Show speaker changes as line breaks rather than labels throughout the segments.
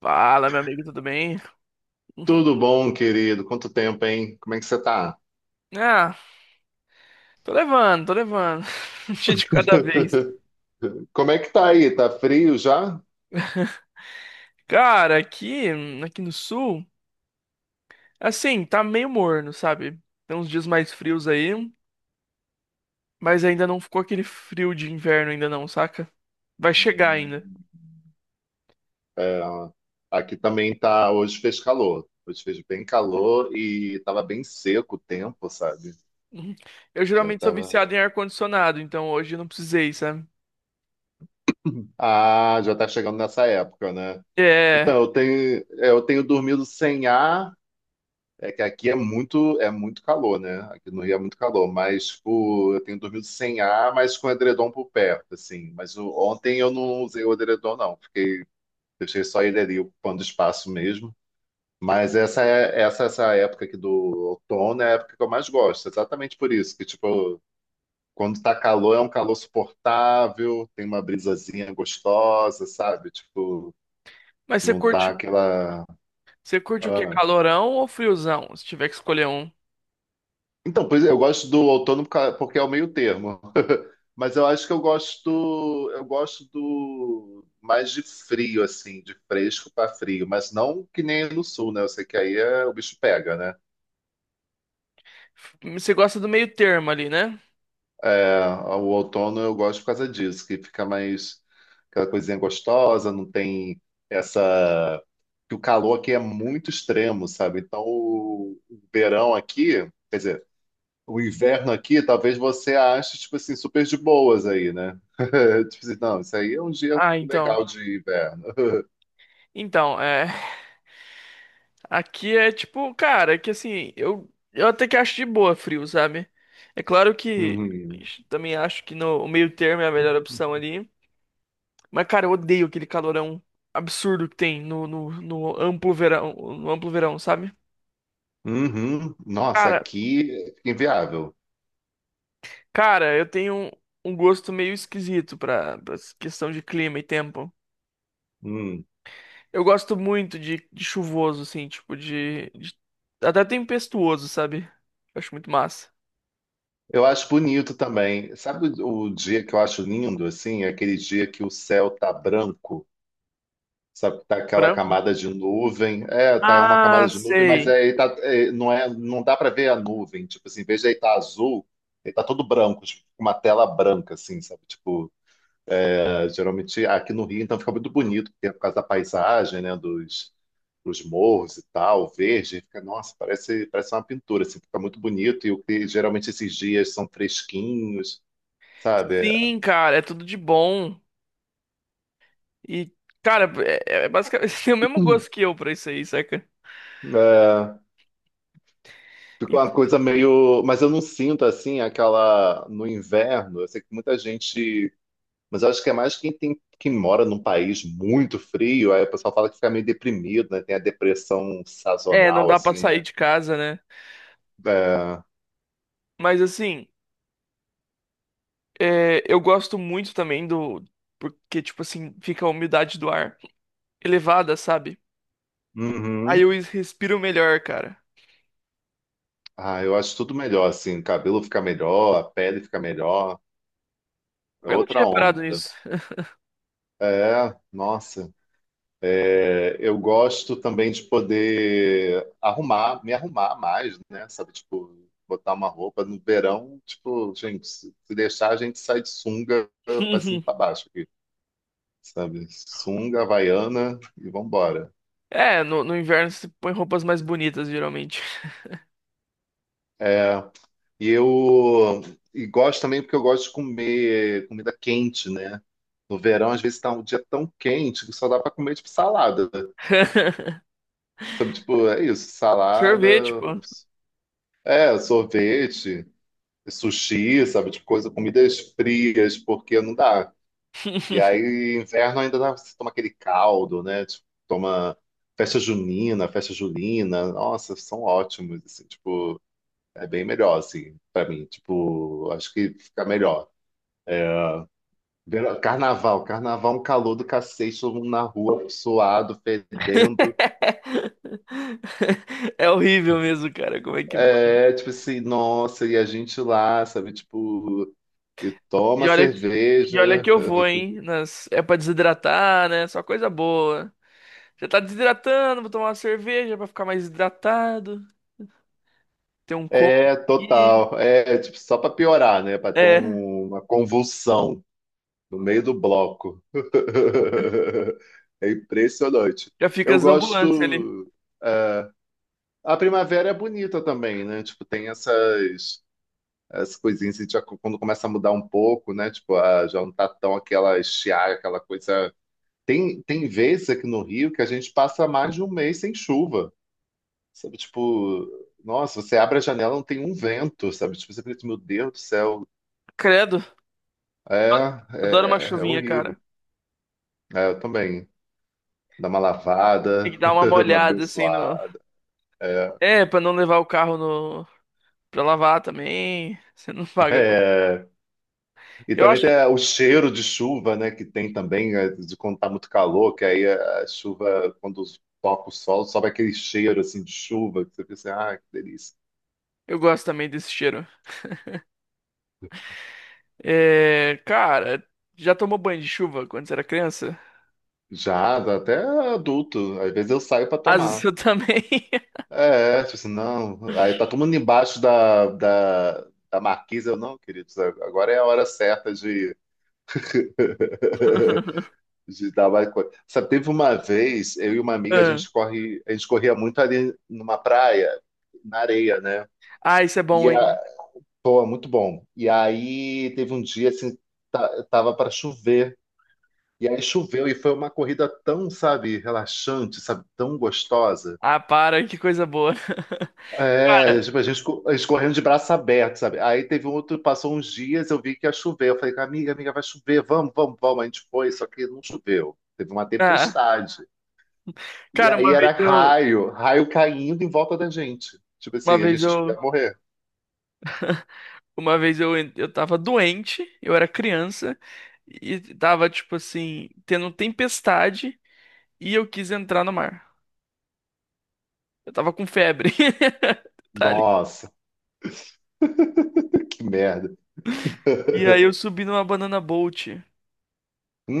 Fala, meu amigo, tudo bem?
Tudo bom, querido? Quanto tempo, hein? Como é que você tá?
Ah, tô levando, tô levando. Um dia de cada vez.
Como é que tá aí? Tá frio já?
Cara, aqui no sul, assim, tá meio morno, sabe? Tem uns dias mais frios aí, mas ainda não ficou aquele frio de inverno ainda não, saca? Vai chegar ainda.
É, aqui também tá. Hoje fez calor. Hoje fez bem calor e tava bem seco o tempo, sabe?
Uhum. Eu
Já
geralmente sou
tava.
viciado em ar-condicionado, então hoje eu não precisei, sabe?
Ah, já tá chegando nessa época, né?
É,
Então, eu tenho dormido sem ar. É que aqui é muito calor, né? Aqui no Rio é muito calor, mas tipo, eu tenho dormido sem ar, mas com edredom por perto, assim. Mas ontem eu não usei o edredom, não. Fiquei, deixei só ele ali ocupando espaço mesmo. Mas essa época aqui do outono é a época que eu mais gosto, exatamente por isso, que tipo, quando tá calor é um calor suportável, tem uma brisazinha gostosa, sabe? Tipo,
mas
não tá aquela
você curte o quê?
ah.
Calorão ou friozão? Se tiver que escolher um.
Então, pois é, eu gosto do outono porque é o meio termo. Mas eu acho que eu gosto do mais de frio, assim, de fresco para frio, mas não que nem no sul, né? Eu sei que aí o bicho pega, né?
Você gosta do meio termo ali, né?
É, o outono eu gosto por causa disso, que fica mais aquela coisinha gostosa, não tem essa. Que o calor aqui é muito extremo, sabe? Então o verão aqui, quer dizer, o inverno aqui, talvez você ache, tipo assim, super de boas aí, né? Tipo assim, não, isso aí é um dia
Ah, então.
legal de inverno.
Então, é. Aqui é tipo, cara, é que assim, eu até que acho de boa frio, sabe? É claro que
Uhum.
também acho que no o meio termo é a melhor opção ali. Mas, cara, eu odeio aquele calorão absurdo que tem no amplo verão, no amplo verão, sabe?
Uhum. Nossa,
Cara,
aqui fica inviável.
cara, eu tenho um, um gosto meio esquisito pra, pra essa questão de clima e tempo.
Hum.
Eu gosto muito de chuvoso, assim, tipo de, de. Até tempestuoso, sabe? Eu acho muito massa.
Eu acho bonito também. Sabe o dia que eu acho lindo, assim? É aquele dia que o céu tá branco, sabe? Tá aquela
Branco?
camada de nuvem. É, tá uma
Ah,
camada de nuvem, mas
sei.
aí tá, é, não dá pra ver a nuvem. Tipo assim, em vez de aí tá azul, ele tá todo branco, tipo, com uma tela branca, assim, sabe? Tipo, geralmente aqui no Rio, então fica muito bonito, porque é por causa da paisagem, né, dos, dos morros e tal, verde, fica, nossa, parece, parece uma pintura, assim, fica muito bonito, e o que geralmente esses dias são fresquinhos, sabe?
Sim, cara, é tudo de bom. E, cara, é, é basicamente tem o mesmo
Hum.
gosto que eu pra isso aí, saca?
É, fica uma
Inclu-
coisa meio. Mas eu não sinto assim aquela. No inverno, eu sei que muita gente. Mas eu acho que é mais quem tem quem mora num país muito frio, aí o pessoal fala que fica meio deprimido, né? Tem a depressão
É, não
sazonal,
dá pra
assim,
sair
né?
de casa, né?
É.
Mas assim, é, eu gosto muito também do. Porque, tipo assim, fica a umidade do ar elevada, sabe? Aí
Uhum.
eu respiro melhor, cara.
Ah, eu acho tudo melhor, assim. O cabelo fica melhor, a pele fica melhor. É
Eu não tinha
outra
reparado
onda.
nisso.
É, nossa. É, eu gosto também de poder arrumar, me arrumar mais, né? Sabe, tipo, botar uma roupa no verão, tipo, gente, se deixar, a gente sai de sunga pra cima e pra baixo aqui, sabe? Sunga, havaiana e vambora.
É, no inverno você põe roupas mais bonitas, geralmente.
É. E eu gosto também porque eu gosto de comer comida quente, né? No verão, às vezes tá um dia tão quente que só dá pra comer tipo salada. Sabe, tipo, é isso, salada,
Sorvete, pô.
é, sorvete, sushi, sabe, tipo coisa, comidas frias, porque não dá. E aí, inverno ainda dá, você toma aquele caldo, né? Tipo, toma festa junina, festa julina. Nossa, são ótimos, assim, tipo, é bem melhor, assim, pra mim. Tipo, acho que fica melhor. Carnaval, carnaval, um calor do cacete, todo mundo na rua, suado, fedendo.
É horrível mesmo, cara. Como é que pode?
É, tipo assim, nossa, e a gente lá, sabe, tipo, e
E
toma
olha que, e olha que
cerveja.
eu vou, hein? Nas... É pra desidratar, né? Só coisa boa. Já tá desidratando, vou tomar uma cerveja pra ficar mais hidratado. Tem um copo
É,
aqui.
total. É, tipo, só pra piorar, né? Pra ter
É,
uma convulsão no meio do bloco. É impressionante.
já fica
Eu
as ambulâncias ali.
gosto. É, a primavera é bonita também, né? Tipo, tem essas. As coisinhas, e já quando começa a mudar um pouco, né? Tipo, ah, já não tá tão aquela estiagem, aquela coisa. Tem, tem vezes aqui no Rio que a gente passa mais de um mês sem chuva, sabe? Tipo, nossa, você abre a janela, não tem um vento, sabe? Tipo, você pensa, meu Deus do céu,
Credo,
é,
adoro uma
é,
chuvinha, cara.
horrível. É, eu também. Dá uma
Tem que
lavada,
dar uma
uma
molhada assim no.
abençoada.
É, pra não levar o carro no. Pra lavar também. Você não paga. Com-
É. E
Eu
também
acho
tem
que
é, o cheiro de chuva, né? Que tem também, é, de quando tá muito calor, que aí a chuva, quando toca o sol, sobe aquele cheiro assim de chuva, que você pensa, ah, que delícia.
eu gosto também desse cheiro. É, cara, já tomou banho de chuva quando você era criança?
Já, até adulto, às vezes eu saio para
Às vezes
tomar.
eu também.
É, é, tipo assim, não. Aí tá todo mundo embaixo da marquise, eu não, queridos, agora é a hora certa de, de dar mais coisa. Sabe, teve uma vez, eu e uma amiga, a
Ah,
gente corre, a gente corria muito ali numa praia, na areia, né?
Ah, isso é
E
bom, hein?
a, pô, é muito bom. E aí teve um dia assim, tava para chover. E aí choveu e foi uma corrida tão, sabe, relaxante, sabe, tão gostosa.
Ah, para, que coisa boa.
É,
Cara,
tipo, a gente, a gente correndo de braço aberto, sabe? Aí teve um outro, passou uns dias, eu vi que ia chover. Eu falei, amiga, amiga, vai chover, vamos, vamos, vamos. A gente foi, só que não choveu. Teve uma
ah,
tempestade. E
cara,
aí
uma
era
vez eu,
raio, raio caindo em volta da gente. Tipo
uma
assim, a
vez
gente achou que
eu,
ia morrer.
uma vez eu tava doente, eu era criança e tava tipo assim, tendo tempestade e eu quis entrar no mar. Eu tava com febre. Detalhe.
Nossa, que merda.
E aí eu subi numa banana boat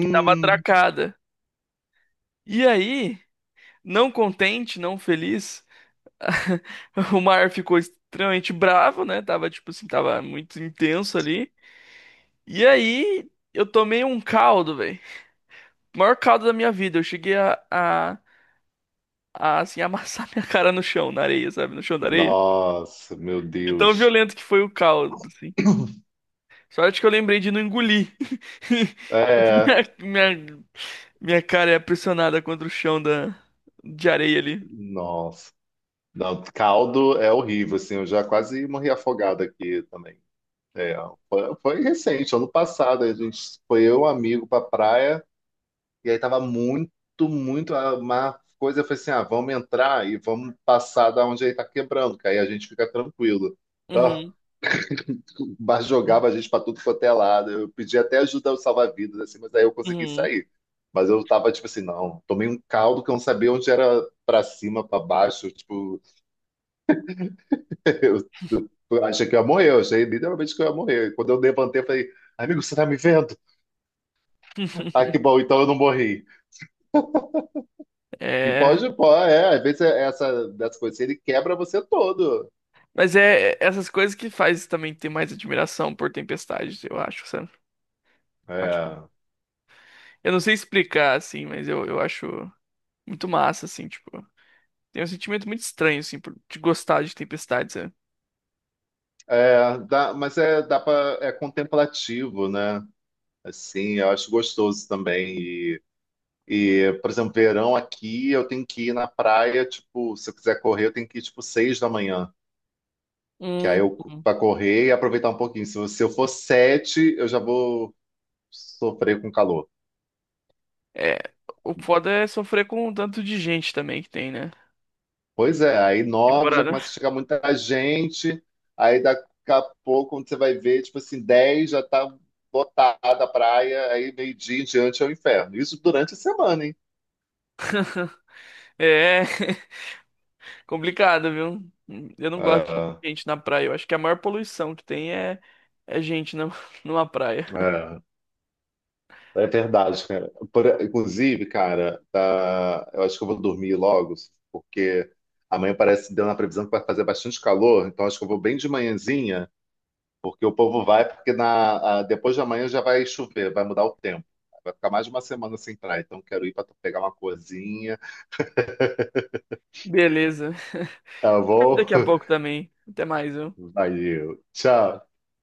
que tava atracada. E aí, não contente, não feliz, o mar ficou extremamente bravo, né? Tava tipo assim, tava muito intenso ali. E aí eu tomei um caldo, velho. O maior caldo da minha vida. Eu cheguei a assim, amassar minha cara no chão, na areia, sabe? No chão da areia.
Nossa, meu
De tão
Deus.
violento que foi o caldo, assim. Sorte que eu lembrei de não engolir.
É,
Minha, minha, minha cara é pressionada contra o chão da, de areia ali.
nossa. Não, caldo é horrível, assim, eu já quase morri afogado aqui também. É, foi recente, ano passado, a gente foi eu e um amigo pra praia, e aí tava muito, muito, uma coisa foi assim, ah, vamos entrar e vamos passar da onde ele tá quebrando, que aí a gente fica tranquilo.
Uhum.
Mas jogava a gente pra tudo quanto é lado. Eu pedi até ajuda ao salva-vidas, assim, mas aí eu consegui
Uhum.
sair. Mas eu tava tipo assim, não, tomei um caldo que eu não sabia onde era pra cima, pra baixo. Tipo, eu, eu achei que eu ia morrer, eu achei literalmente que eu ia morrer. E quando eu levantei, eu falei, amigo, você tá me vendo? Ah, que bom, então eu não morri. E
É.
pode, pô, é, às vezes é essa, dessa coisa assim, ele quebra você todo.
Mas é é essas coisas que faz também ter mais admiração por tempestades eu acho, sabe? Eu acho-
É.
eu não sei explicar, assim, mas eu acho muito massa, assim, tipo. Tem um sentimento muito estranho, assim, por- de gostar de tempestades sabe?
É, dá, mas é, dá pra, é contemplativo, né? Assim, eu acho gostoso também. E, por exemplo, verão aqui, eu tenho que ir na praia, tipo, se eu quiser correr, eu tenho que ir, tipo, 6 da manhã. Que aí
Hum.
eu, pra correr e aproveitar um pouquinho. Se eu for 7, eu já vou sofrer com calor.
É, o foda é sofrer com o tanto de gente também que tem, né?
Pois é, aí 9 já
Temporada.
começa a chegar muita gente. Aí daqui a pouco, quando você vai ver, tipo assim, 10 já tá lotada a praia. Aí meio-dia em diante é o inferno. Isso durante a semana, hein?
É complicado, viu? Eu não gosto de
É,
gente na praia. Eu acho que a maior poluição que tem é, é gente na, numa praia.
é. É verdade, cara. Inclusive, cara, tá, eu acho que eu vou dormir logo, porque amanhã parece que deu na previsão que vai fazer bastante calor, então acho que eu vou bem de manhãzinha, porque o povo vai, porque na, depois de amanhã já vai chover, vai mudar o tempo. Vai ficar mais de uma semana sem praia, então quero ir para pegar uma coisinha.
Beleza.
Tá bom?
Daqui a pouco também. Até mais, viu?
Valeu. Tchau.